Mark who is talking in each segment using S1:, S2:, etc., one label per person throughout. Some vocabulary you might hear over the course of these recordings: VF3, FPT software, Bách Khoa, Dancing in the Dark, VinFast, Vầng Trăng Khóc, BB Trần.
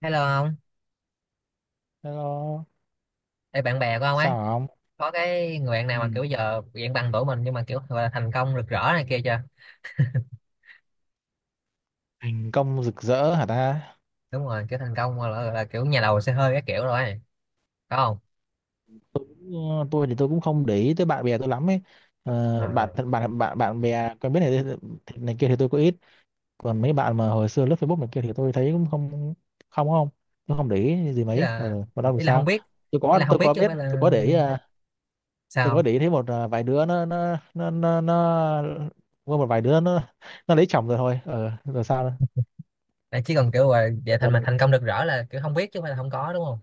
S1: Hello ông.
S2: Hello,
S1: Ê, bạn bè của ông ấy
S2: sao không?
S1: có cái người bạn
S2: Ừ,
S1: nào mà kiểu giờ dạng bằng tuổi mình nhưng mà kiểu gọi là thành công rực rỡ này kia chưa?
S2: thành công rực rỡ hả ta?
S1: Đúng rồi, kiểu thành công gọi là kiểu nhà đầu xe hơi cái kiểu rồi ấy. Có không?
S2: Ừ, tôi thì tôi cũng không để ý tới bạn bè tôi lắm ấy. Bạn
S1: À,
S2: bạn bạn bạn bè quen biết này này kia thì tôi có ít. Còn mấy bạn mà hồi xưa lướt Facebook này kia thì tôi thấy cũng không không không, tôi không để ý gì
S1: ý
S2: mấy. Ờ,
S1: là
S2: Còn đâu thì
S1: ý là không
S2: sao?
S1: biết, ý là không
S2: Tôi
S1: biết
S2: có
S1: chứ không
S2: biết,
S1: phải
S2: tôi
S1: là
S2: có để ý, tôi có
S1: sao.
S2: để ý thấy vài đứa nó có một vài đứa nó lấy chồng rồi thôi. Ờ, rồi sao? Nữa?
S1: À, chỉ cần kiểu là về thành
S2: Còn,
S1: mà thành công rực rỡ là kiểu không biết chứ không phải là không có đúng không,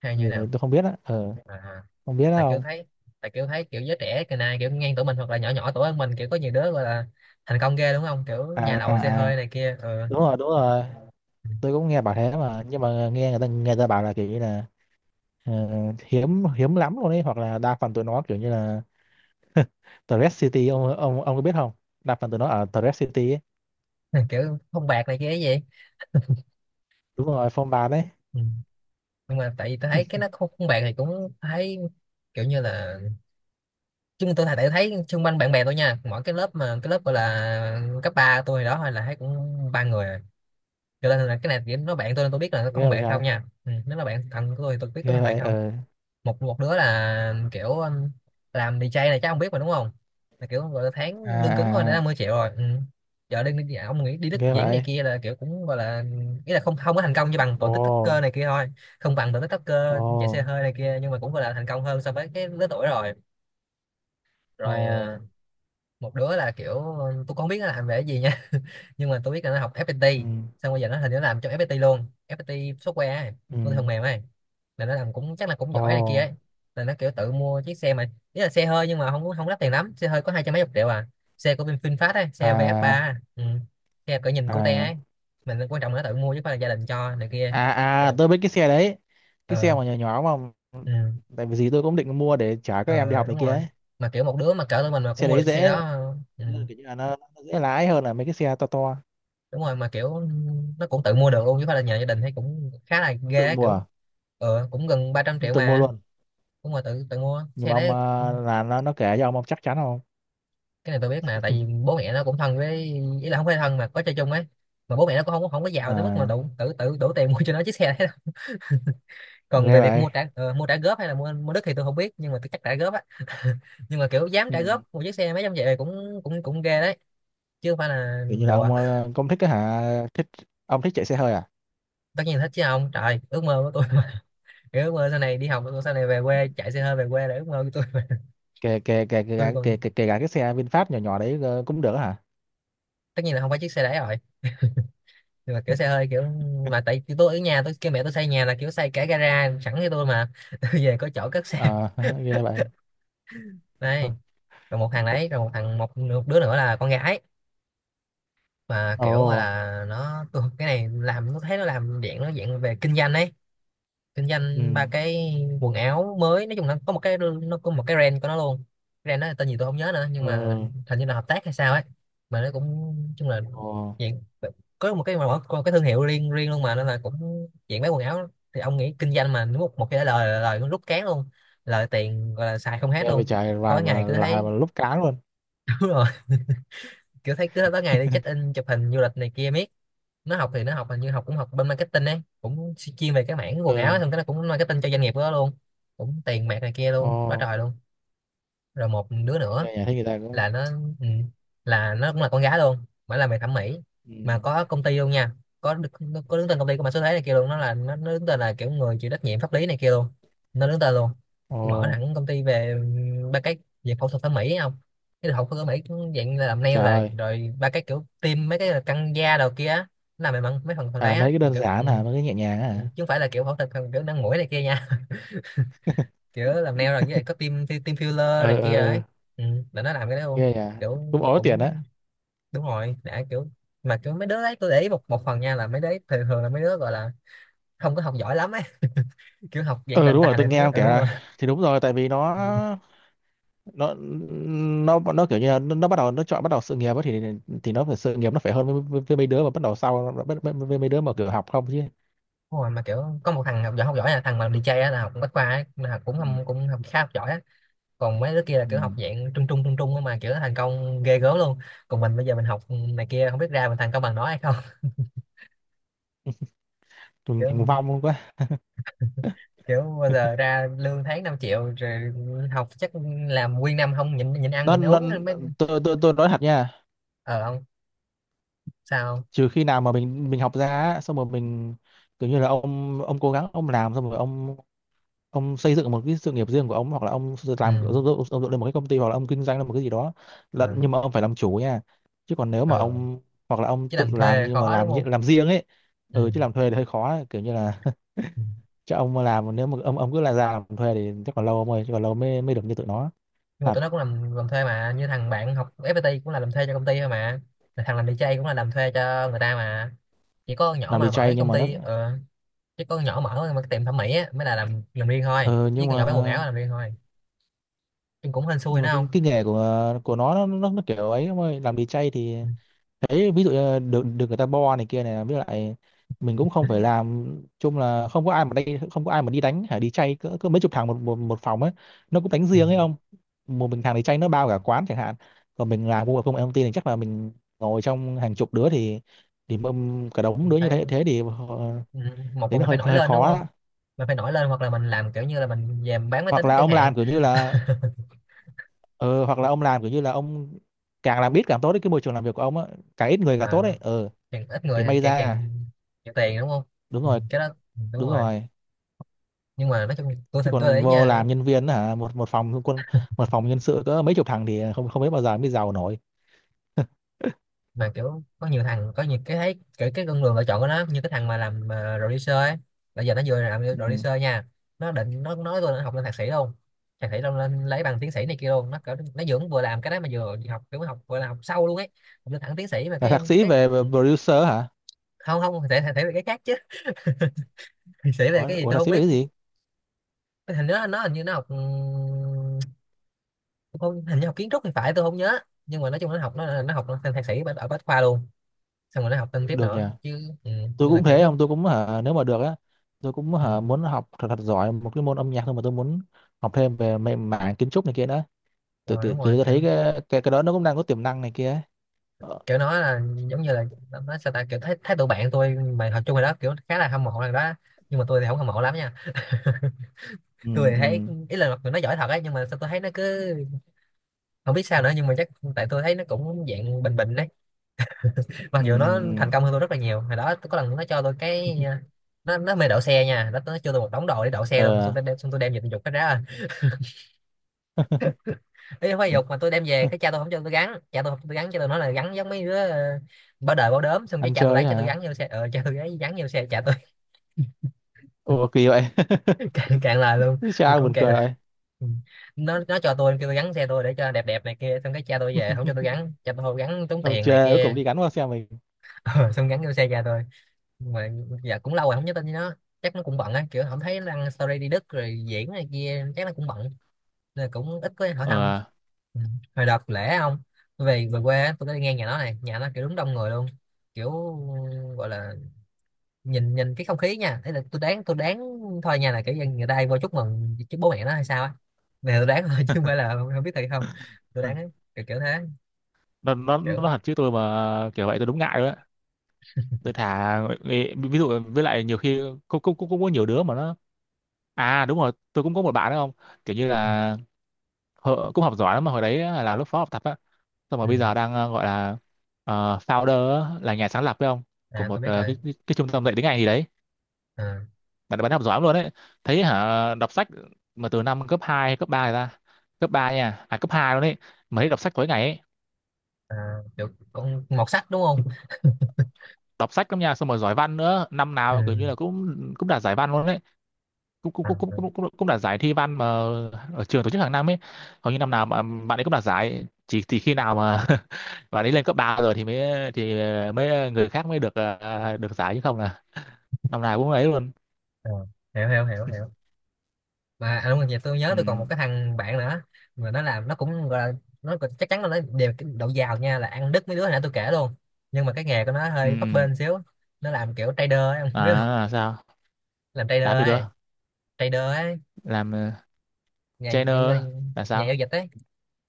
S1: hay
S2: ừ,
S1: như thế nào.
S2: tôi không biết á. Ờ,
S1: À,
S2: không biết á
S1: tại kiểu
S2: không?
S1: thấy, tại kiểu thấy kiểu giới trẻ cái này kiểu ngang tuổi mình hoặc là nhỏ nhỏ tuổi hơn mình kiểu có nhiều đứa gọi là thành công ghê đúng không, kiểu
S2: À
S1: nhà
S2: à
S1: đầu xe
S2: à.
S1: hơi này kia, ừ.
S2: Đúng rồi, đúng rồi, tôi cũng nghe bảo thế, mà nhưng mà nghe người ta bảo là kiểu như là ờ, hiếm hiếm lắm luôn ấy, hoặc là đa phần tụi nó kiểu như là Thread City. Ông có biết không? Đa phần tụi nó ở Thread City ấy.
S1: Kiểu không bạc này kia cái gì.
S2: Đúng rồi, phong ba đấy.
S1: Ừ. Nhưng mà tại vì tôi thấy cái nó không, không bạn thì cũng thấy kiểu như là chung tôi thấy, thấy xung quanh bạn bè tôi nha, mỗi cái lớp mà cái lớp gọi là cấp 3 tôi hồi đó hay là thấy cũng ba người à. Cho nên là cái này chỉ nó bạn tôi nên tôi biết là nó có không
S2: Ghê vậy
S1: bạn không
S2: trời.
S1: nha, ừ. Nếu là bạn thân của tôi thì tôi biết có
S2: Ghê
S1: không bạn
S2: vậy.
S1: không.
S2: Ờ.
S1: Một một đứa là kiểu làm DJ này chắc không biết mà đúng không, là kiểu gọi là
S2: À,
S1: tháng lương cứng thôi đã
S2: à à.
S1: 50 triệu rồi, ừ. Giờ đi đi- ông nghĩ đi Đức
S2: Ghê
S1: diễn này
S2: vậy.
S1: kia là kiểu cũng gọi là, ý là không không có thành công như bằng tụi
S2: Ồ.
S1: TikToker này kia thôi, không bằng tụi
S2: Ồ.
S1: TikToker chạy xe hơi này kia nhưng mà cũng gọi là thành công hơn so với cái lứa tuổi rồi. Rồi,
S2: Ồ.
S1: ờ, một đứa là kiểu tôi không biết nó làm về cái gì nha nhưng mà tôi biết là nó học FPT,
S2: Ừ.
S1: xong bây giờ nó hình như nó làm trong FPT luôn, FPT software ấy,
S2: Ừ.
S1: con phần mềm ấy, là nó làm cũng chắc là cũng
S2: Ồ.
S1: giỏi này kia ấy, là nó kiểu tự mua chiếc xe mà ý là xe hơi nhưng mà không không đắt tiền lắm, xe hơi có hai trăm mấy chục triệu à, xe của bên VinFast ấy, xe
S2: À.
S1: VF3, ừ. Xe cỡ nhìn cute
S2: À.
S1: ấy, mình quan trọng là nó tự mua chứ không phải là gia đình cho này kia.
S2: À. À.
S1: Rồi,
S2: Tôi biết cái xe đấy, cái
S1: ờ,
S2: xe mà nhỏ nhỏ mà,
S1: ừ.
S2: tại vì gì tôi cũng định mua để trả các em đi
S1: Ờ
S2: học này
S1: đúng
S2: kia
S1: rồi,
S2: ấy.
S1: mà kiểu một đứa mà cỡ tụi mình mà cũng
S2: Xe
S1: mua được
S2: đấy
S1: chiếc xe
S2: dễ.
S1: đó, ừ.
S2: Nghĩa là kiểu như là nó dễ lái hơn là mấy cái xe to to.
S1: Đúng rồi, mà kiểu nó cũng tự mua được luôn chứ không phải là nhờ gia đình, thấy cũng khá là ghê
S2: Tự
S1: á,
S2: mua.
S1: kiểu ờ cũng gần 300 triệu
S2: Tự mua
S1: mà,
S2: luôn.
S1: cũng mà tự tự mua
S2: Nhưng
S1: xe
S2: mà ông
S1: đấy.
S2: là nó kể cho ông chắc chắn không?
S1: Cái này tôi biết mà tại vì bố mẹ nó cũng thân với, ý là không phải thân mà có chơi chung ấy, mà bố mẹ nó cũng không không có giàu tới mức mà
S2: À,
S1: đủ tự tự đủ tiền mua cho nó chiếc xe đấy đâu. Còn
S2: nghe
S1: về việc
S2: vậy.
S1: mua trả ờ, mua trả góp hay là mua mua đất thì tôi không biết nhưng mà tôi chắc trả góp á. Nhưng mà kiểu dám
S2: Ừ.
S1: trả góp một chiếc xe mấy trăm triệu thì cũng cũng cũng ghê đấy, chứ không phải là
S2: Kiểu như là
S1: đùa.
S2: ông cũng thích cái hả? Thích. Ông thích chạy xe hơi à?
S1: Tất nhiên thích chứ không, trời, ước mơ của tôi kiểu ước mơ sau này đi học, ước mơ sau này về quê chạy xe hơi về quê là ước mơ của tôi mà.
S2: Kể kể kể kể
S1: Tôi
S2: cả- kể
S1: còn,
S2: kể kể cả cái xe VinFast nhỏ nhỏ đấy cũng được hả?
S1: tất nhiên là không phải chiếc xe đấy rồi, nhưng mà kiểu xe hơi kiểu, mà tại vì tôi ở nhà tôi kêu mẹ tôi xây nhà là kiểu xây cả gara sẵn cho tôi mà tôi về có chỗ cất xe.
S2: À, nghe vậy.
S1: Đây. Rồi một thằng đấy, rồi một thằng, một đứa nữa là con gái mà
S2: Ồ.
S1: kiểu là nó tôi, cái này làm nó thấy nó làm dạng nó dạng về kinh doanh ấy, kinh
S2: Ừ.
S1: doanh ba cái quần áo. Mới nói chung là có một cái nó có một cái brand của nó luôn, brand đó là tên gì tôi không nhớ nữa nhưng mà
S2: Ừ.
S1: hình như là hợp tác hay sao ấy, mà nó cũng nói chung là
S2: Ồ.
S1: dạng có một cái mà có một cái thương hiệu riêng riêng luôn mà, nên là cũng dạng bán quần áo thì ông nghĩ kinh doanh mà một một cái lời, lời nó rút cán luôn, lời tiền gọi là xài không hết
S2: Nghe về
S1: luôn.
S2: chạy
S1: Tối ngày cứ
S2: lại
S1: thấy,
S2: và lúc cá luôn.
S1: đúng rồi, kiểu thấy cứ tới ngày đi check in chụp hình du lịch này kia miết. Nó học thì nó học hình như học cũng học bên marketing ấy, cũng chuyên về cái mảng quần áo
S2: Ừ.
S1: ấy, xong cái nó cũng marketing cho doanh nghiệp của nó luôn, cũng tiền bạc này kia
S2: Ồ.
S1: luôn quá trời luôn. Rồi một đứa nữa
S2: Nghe nhà thấy người ta
S1: là
S2: cũng.
S1: nó, ừ, là nó cũng là con gái luôn mà làm về thẩm mỹ,
S2: Ừ.
S1: mà có công ty luôn nha, có đứng tên công ty của mã số thế này kia luôn, nó là nó đứng tên là kiểu người chịu trách nhiệm pháp lý này kia luôn, nó đứng tên luôn.
S2: Ồ.
S1: Mở hẳn công ty về ba cái, về phẫu thuật thẩm mỹ ấy không, cái phẫu thuật thẩm mỹ cũng dạng như là làm nail
S2: Trời
S1: là
S2: ơi.
S1: rồi ba cái kiểu tiêm mấy cái là căng da đầu kia á, nó làm về mấy phần phần đấy
S2: À,
S1: á,
S2: mấy cái
S1: mà
S2: đơn
S1: kiểu ừ,
S2: giản hả, mấy cái nhẹ nhàng á
S1: ừ,
S2: hả?
S1: chứ không phải là kiểu phẫu thuật kiểu nâng mũi này kia nha. Kiểu làm nail rồi như vậy có team team filler
S2: Ờ
S1: này
S2: ờ
S1: kia đấy,
S2: ờ.
S1: ừ, là nó làm cái đấy luôn
S2: Ghê à.
S1: kiểu.
S2: Cũng ối tiền
S1: Cũng
S2: á.
S1: đúng rồi, đã kiểu, mà kiểu mấy đứa đấy tôi để ý một một phần nha, là mấy đứa ấy thường thường là mấy đứa gọi là không có học giỏi lắm ấy, kiểu học dạng
S2: Ừ,
S1: tàn
S2: đúng rồi,
S1: tà
S2: tôi
S1: này
S2: nghe
S1: nó,
S2: ông
S1: ừ,
S2: kể
S1: đúng rồi.
S2: là thì đúng rồi, tại vì nó
S1: Ừ,
S2: nó nó kiểu như là nó bắt đầu nó chọn bắt đầu sự nghiệp á thì nó phải sự nghiệp nó phải hơn với mấy đứa mà bắt đầu sau với mấy đứa mà kiểu học không chứ.
S1: đúng rồi, mà kiểu có một thằng học giỏi, học giỏi là thằng mà làm DJ á, là học bách khoa ấy, là cũng
S2: Ừ.
S1: không cũng học khá học giỏi á. Còn mấy đứa kia là
S2: Ừ.
S1: kiểu học dạng trung trung á mà kiểu thành công ghê gớm luôn. Còn mình bây giờ mình học này kia không biết ra mình thành công bằng nó hay không.
S2: Mình thành
S1: Kiểu,
S2: vong quá.
S1: kiểu bao giờ ra lương tháng 5 triệu rồi học chắc làm nguyên năm không nhịn nhịn ăn
S2: Nó
S1: nhịn
S2: nó
S1: uống anh mới,
S2: tôi nói thật nha,
S1: ờ không. Sao không?
S2: trừ khi nào mà mình học ra á, xong rồi mình kiểu như là ông cố gắng ông làm xong rồi ông xây dựng một cái sự nghiệp riêng của ông, hoặc là ông s-
S1: Ừ.
S2: làm ông dựng lên một cái công ty, hoặc là ông kinh doanh lên một cái gì đó. Là,
S1: Ờ,
S2: nhưng mà ông phải làm chủ nha, chứ còn nếu mà
S1: ờ,
S2: ông hoặc là ông
S1: chứ
S2: tự
S1: làm
S2: làm,
S1: thuê
S2: nhưng mà
S1: khó đúng
S2: làm nhị-
S1: không,
S2: làm riêng ấy.
S1: ừ.
S2: Ừ, chứ làm thuê thì hơi khó ấy. Kiểu như là
S1: Ừ.
S2: cho ông mà làm, nếu mà ông cứ là ra làm thuê thì chắc còn lâu ông ơi, chứ còn lâu mới mới được như tụi nó.
S1: Nhưng mà
S2: Thật.
S1: tụi nó cũng làm thuê mà, như thằng bạn học FPT cũng là làm thuê cho công ty thôi mà, thằng làm đi DJ cũng là làm thuê cho người ta mà. Chỉ có con nhỏ
S2: Làm
S1: mà
S2: đi
S1: mở
S2: chay,
S1: cái
S2: nhưng
S1: công
S2: mà nó
S1: ty ờ, chứ có con nhỏ mở mà cái tiệm thẩm mỹ á mới là làm riêng thôi,
S2: ừ,
S1: chứ con nhỏ bán quần áo là làm riêng thôi. Nhưng cũng hên xui
S2: nhưng mà
S1: nữa không,
S2: cái nghề của nó kiểu ấy ông ơi, làm đi chay thì
S1: ừ.
S2: đấy, ví dụ như là được được người ta bo này kia, này với lại mình cũng không phải làm. Chung là không có ai mà, đây không có ai mà đi đánh hả, đi chay cỡ mấy chục thằng một, một một phòng ấy. Nó cũng đánh
S1: Ừ.
S2: riêng ấy ông. Một mình thằng đi chay nó bao cả quán chẳng hạn. Còn mình làm công việc công nghệ thông tin thì chắc là mình ngồi trong hàng chục đứa thì mâm cả đống đứa như
S1: Đấy.
S2: thế, thế thì họ-.
S1: Ừ, một
S2: Thế
S1: là
S2: nó
S1: mình
S2: hơi
S1: phải nổi
S2: hơi
S1: lên
S2: khó
S1: đúng không,
S2: á.
S1: mình phải nổi lên hoặc là mình làm kiểu như là mình về mình bán máy
S2: Hoặc
S1: tính
S2: là
S1: chẳng
S2: ông
S1: hạn.
S2: làm kiểu như là ờ, hoặc là ông làm kiểu như là ông càng làm ít càng tốt đấy, cái môi trường làm việc của ông á, càng ít người càng
S1: À,
S2: tốt đấy, ờ,
S1: càng ít người
S2: thì
S1: thì
S2: may
S1: càng càng
S2: ra.
S1: nhiều tiền đúng không,
S2: Đúng
S1: ừ,
S2: rồi.
S1: cái đó, ừ, đúng
S2: Đúng
S1: rồi.
S2: rồi.
S1: Nhưng mà nói chung tôi
S2: Chứ
S1: thành tôi để
S2: còn
S1: ý
S2: vô
S1: nha,
S2: làm nhân viên hả, một một phòng quân, một phòng nhân sự có mấy chục thằng thì không, không biết bao giờ mới giàu nổi.
S1: mà kiểu có nhiều thằng có nhiều cái thấy cái con đường lựa chọn của nó, như cái thằng mà làm mà producer ấy, bây giờ nó vừa làm
S2: Ừ.
S1: producer nha, nó định nó nói tôi nó học lên thạc sĩ luôn, thạc sĩ luôn, lên lấy bằng tiến sĩ này kia luôn, nó kiểu nó vừa vừa làm cái đó mà vừa học kiểu học vừa là học sâu luôn ấy, học lên thẳng tiến sĩ mà
S2: Là thạc sĩ
S1: cái
S2: về
S1: ừ,
S2: producer hả?
S1: không không thể thể về cái khác chứ. Thể về
S2: Ủa,
S1: cái gì
S2: ủa
S1: tôi
S2: thạc
S1: không
S2: sĩ về
S1: biết,
S2: cái gì?
S1: hình nó hình như nó học tôi không, hình như học kiến trúc thì phải, tôi không nhớ, nhưng mà nói chung nó học, nó học lên thạc sĩ ở ở Bách Khoa luôn, xong rồi nó học thêm tiếp
S2: Được nhỉ.
S1: nữa chứ ừ,
S2: Tôi
S1: như là
S2: cũng
S1: kiểu
S2: thế
S1: nó,
S2: không, tôi cũng hả, nếu mà được á tôi cũng
S1: ừ,
S2: hả muốn học thật, thật giỏi một cái môn âm nhạc thôi, mà tôi muốn học thêm về mê- mảng kiến trúc này kia đó. tự
S1: rồi
S2: tự
S1: đúng rồi
S2: tự tôi thấy
S1: kiểu,
S2: cái, cái đó nó cũng đang có tiềm năng này kia ấy. Ờ.
S1: kiểu nó là giống như là nó sao ta kiểu thấy, thấy tụi bạn tôi mà học chung rồi đó kiểu khá là hâm mộ thằng đó, nhưng mà tôi thì không hâm mộ lắm nha,
S2: Ừ.
S1: tôi thì thấy
S2: Ừ.
S1: ý là mặc dù nó giỏi thật ấy nhưng mà sao tôi thấy nó cứ không biết sao nữa, nhưng mà chắc tại tôi thấy nó cũng dạng bình bình đấy, mặc
S2: Ừ.
S1: dù nó thành công hơn tôi rất là nhiều. Hồi đó có lần nó cho tôi
S2: Ừ.
S1: cái
S2: Ừ.
S1: ờ, nó mê đậu xe nha, nó cho tôi một đống đồ để đậu xe luôn mà, xong
S2: Ờ.
S1: tôi đem, xong tôi đem về tôi giục cái ra, ý không phải giục mà tôi đem về, cái cha tôi không cho tôi gắn, cha tôi không cho tôi gắn, cha tôi nói là gắn giống mấy đứa ờ, bao đời bao đốm, xong cái
S2: Ăn
S1: cha tôi
S2: chơi
S1: lấy cha tôi gắn
S2: hả?
S1: vô xe ờ cha tôi lấy gắn vô xe cha tôi.
S2: Ủa kỳ vậy.
S1: Càng càng lời luôn, tôi
S2: Sao
S1: cũng
S2: buồn
S1: càng.
S2: cười vậy?
S1: Ừ. Nó cho tôi kêu tôi gắn xe tôi để cho đẹp đẹp này kia, xong cái cha tôi về không cho tôi gắn, cha tôi không gắn tốn
S2: Ông
S1: tiền này
S2: chê cuối cùng
S1: kia,
S2: đi gắn qua xe mình.
S1: ờ, xong gắn vô xe cha tôi. Nhưng mà dạ cũng lâu rồi không nhắn tin với nó, chắc nó cũng bận á, kiểu không thấy đăng story đi Đức rồi diễn này kia, chắc nó cũng bận nên cũng ít có hỏi thăm,
S2: Ờ.
S1: ừ. Hồi đợt lễ không, tôi về về quê á, tôi có đi ngang nhà nó này, nhà nó kiểu đúng đông người luôn, kiểu gọi là, nhìn nhìn cái không khí nha, thế là tôi đoán, tôi đoán thôi nha, là kiểu dân người ta hay vô chúc mừng chứ bố mẹ nó hay sao á, này tôi đoán thôi chứ không phải là không, không biết thiệt không, tôi
S2: Ừ.
S1: đoán á, kiểu kiểu thế
S2: Nó
S1: kiểu,
S2: hẳn chứ, tôi mà kiểu vậy tôi đúng ngại rồi đấy. Tôi thà ví, ví dụ với lại nhiều khi cũng cũng cũng cũng có nhiều đứa mà nó, à đúng rồi tôi cũng có một bạn đó không, kiểu như là họ- cũng học giỏi lắm mà hồi đấy á, là lớp phó học tập á, xong rồi bây
S1: ừ.
S2: giờ đang gọi là founder á, là nhà sáng lập phải không, của
S1: À
S2: một
S1: tôi biết rồi,
S2: cái trung tâm dạy tiếng Anh gì đấy.
S1: à,
S2: Bạn bạn học giỏi lắm luôn đấy, thấy hả đọc sách, mà từ năm cấp 2 cấp 3 ra, cấp 3 nha, à cấp 2 luôn đấy, mà thấy đọc sách tối ngày ấy.
S1: à, kiểu con một sách đúng không,
S2: Đọc sách lắm nha, xong rồi giỏi văn nữa, năm
S1: ừ.
S2: nào kiểu như là cũng cũng đạt giải văn luôn đấy. cũng cũng cũng cũng
S1: À.
S2: cũng cũng, cũng đạt giải thi văn mà ở trường tổ chức hàng năm ấy, hầu như năm nào mà bạn ấy cũng đạt giải, chỉ khi nào mà bạn ấy lên cấp ba rồi thì mới người khác mới được được giải, chứ không là năm nào cũng ấy luôn.
S1: Ờ, hiểu hiểu mà à, đúng rồi, vậy tôi nhớ
S2: Ừ.
S1: tôi còn một cái thằng bạn nữa, mà nó làm, nó cũng gọi là nó cũng- chắc chắn là nó đều cái độ giàu nha, là ăn đứt mấy đứa hồi nãy tôi kể luôn, nhưng mà cái nghề của nó
S2: Ừ.
S1: hơi bấp
S2: Ừ.
S1: bênh xíu. Nó làm kiểu trader ấy, không
S2: À,
S1: biết không,
S2: là sao?
S1: làm
S2: Làm gì
S1: trader ấy,
S2: cơ?
S1: trader ấy,
S2: Làm
S1: nhà
S2: trainer
S1: giao,
S2: là
S1: nhà
S2: sao?
S1: giao dịch ấy,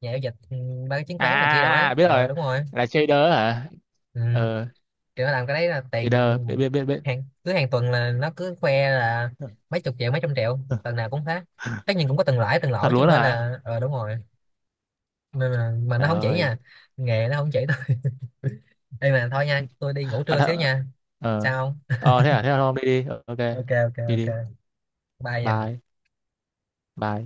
S1: nhà giao dịch ừ, ba cái chứng khoán này kia đâu
S2: À, à,
S1: ấy,
S2: à, à, biết
S1: ờ
S2: rồi.
S1: đúng rồi,
S2: Là trader hả?
S1: ừ.
S2: Ờ.
S1: Kiểu nó làm cái đấy là tiền
S2: Trader biết. Biết
S1: hàng, cứ hàng tuần là nó cứ khoe là mấy chục triệu mấy trăm triệu tuần nào cũng thế, tất nhiên cũng có từng lãi từng lỗ
S2: thật
S1: chứ
S2: luôn
S1: không phải
S2: hả?
S1: là ờ đúng rồi, nên là mà nó
S2: Trời
S1: không chỉ
S2: ơi.
S1: nha, nghề nó không chỉ tôi. Đây mà thôi nha, tôi đi ngủ
S2: Bạn
S1: trưa xíu
S2: thợ.
S1: nha.
S2: Ờ.
S1: Sao không?
S2: Ờ thế à, thế là thôi đi đi. Ờ, ok.
S1: OK, OK,
S2: Đi
S1: OK,
S2: đi.
S1: bye nha.
S2: Bye. Bye.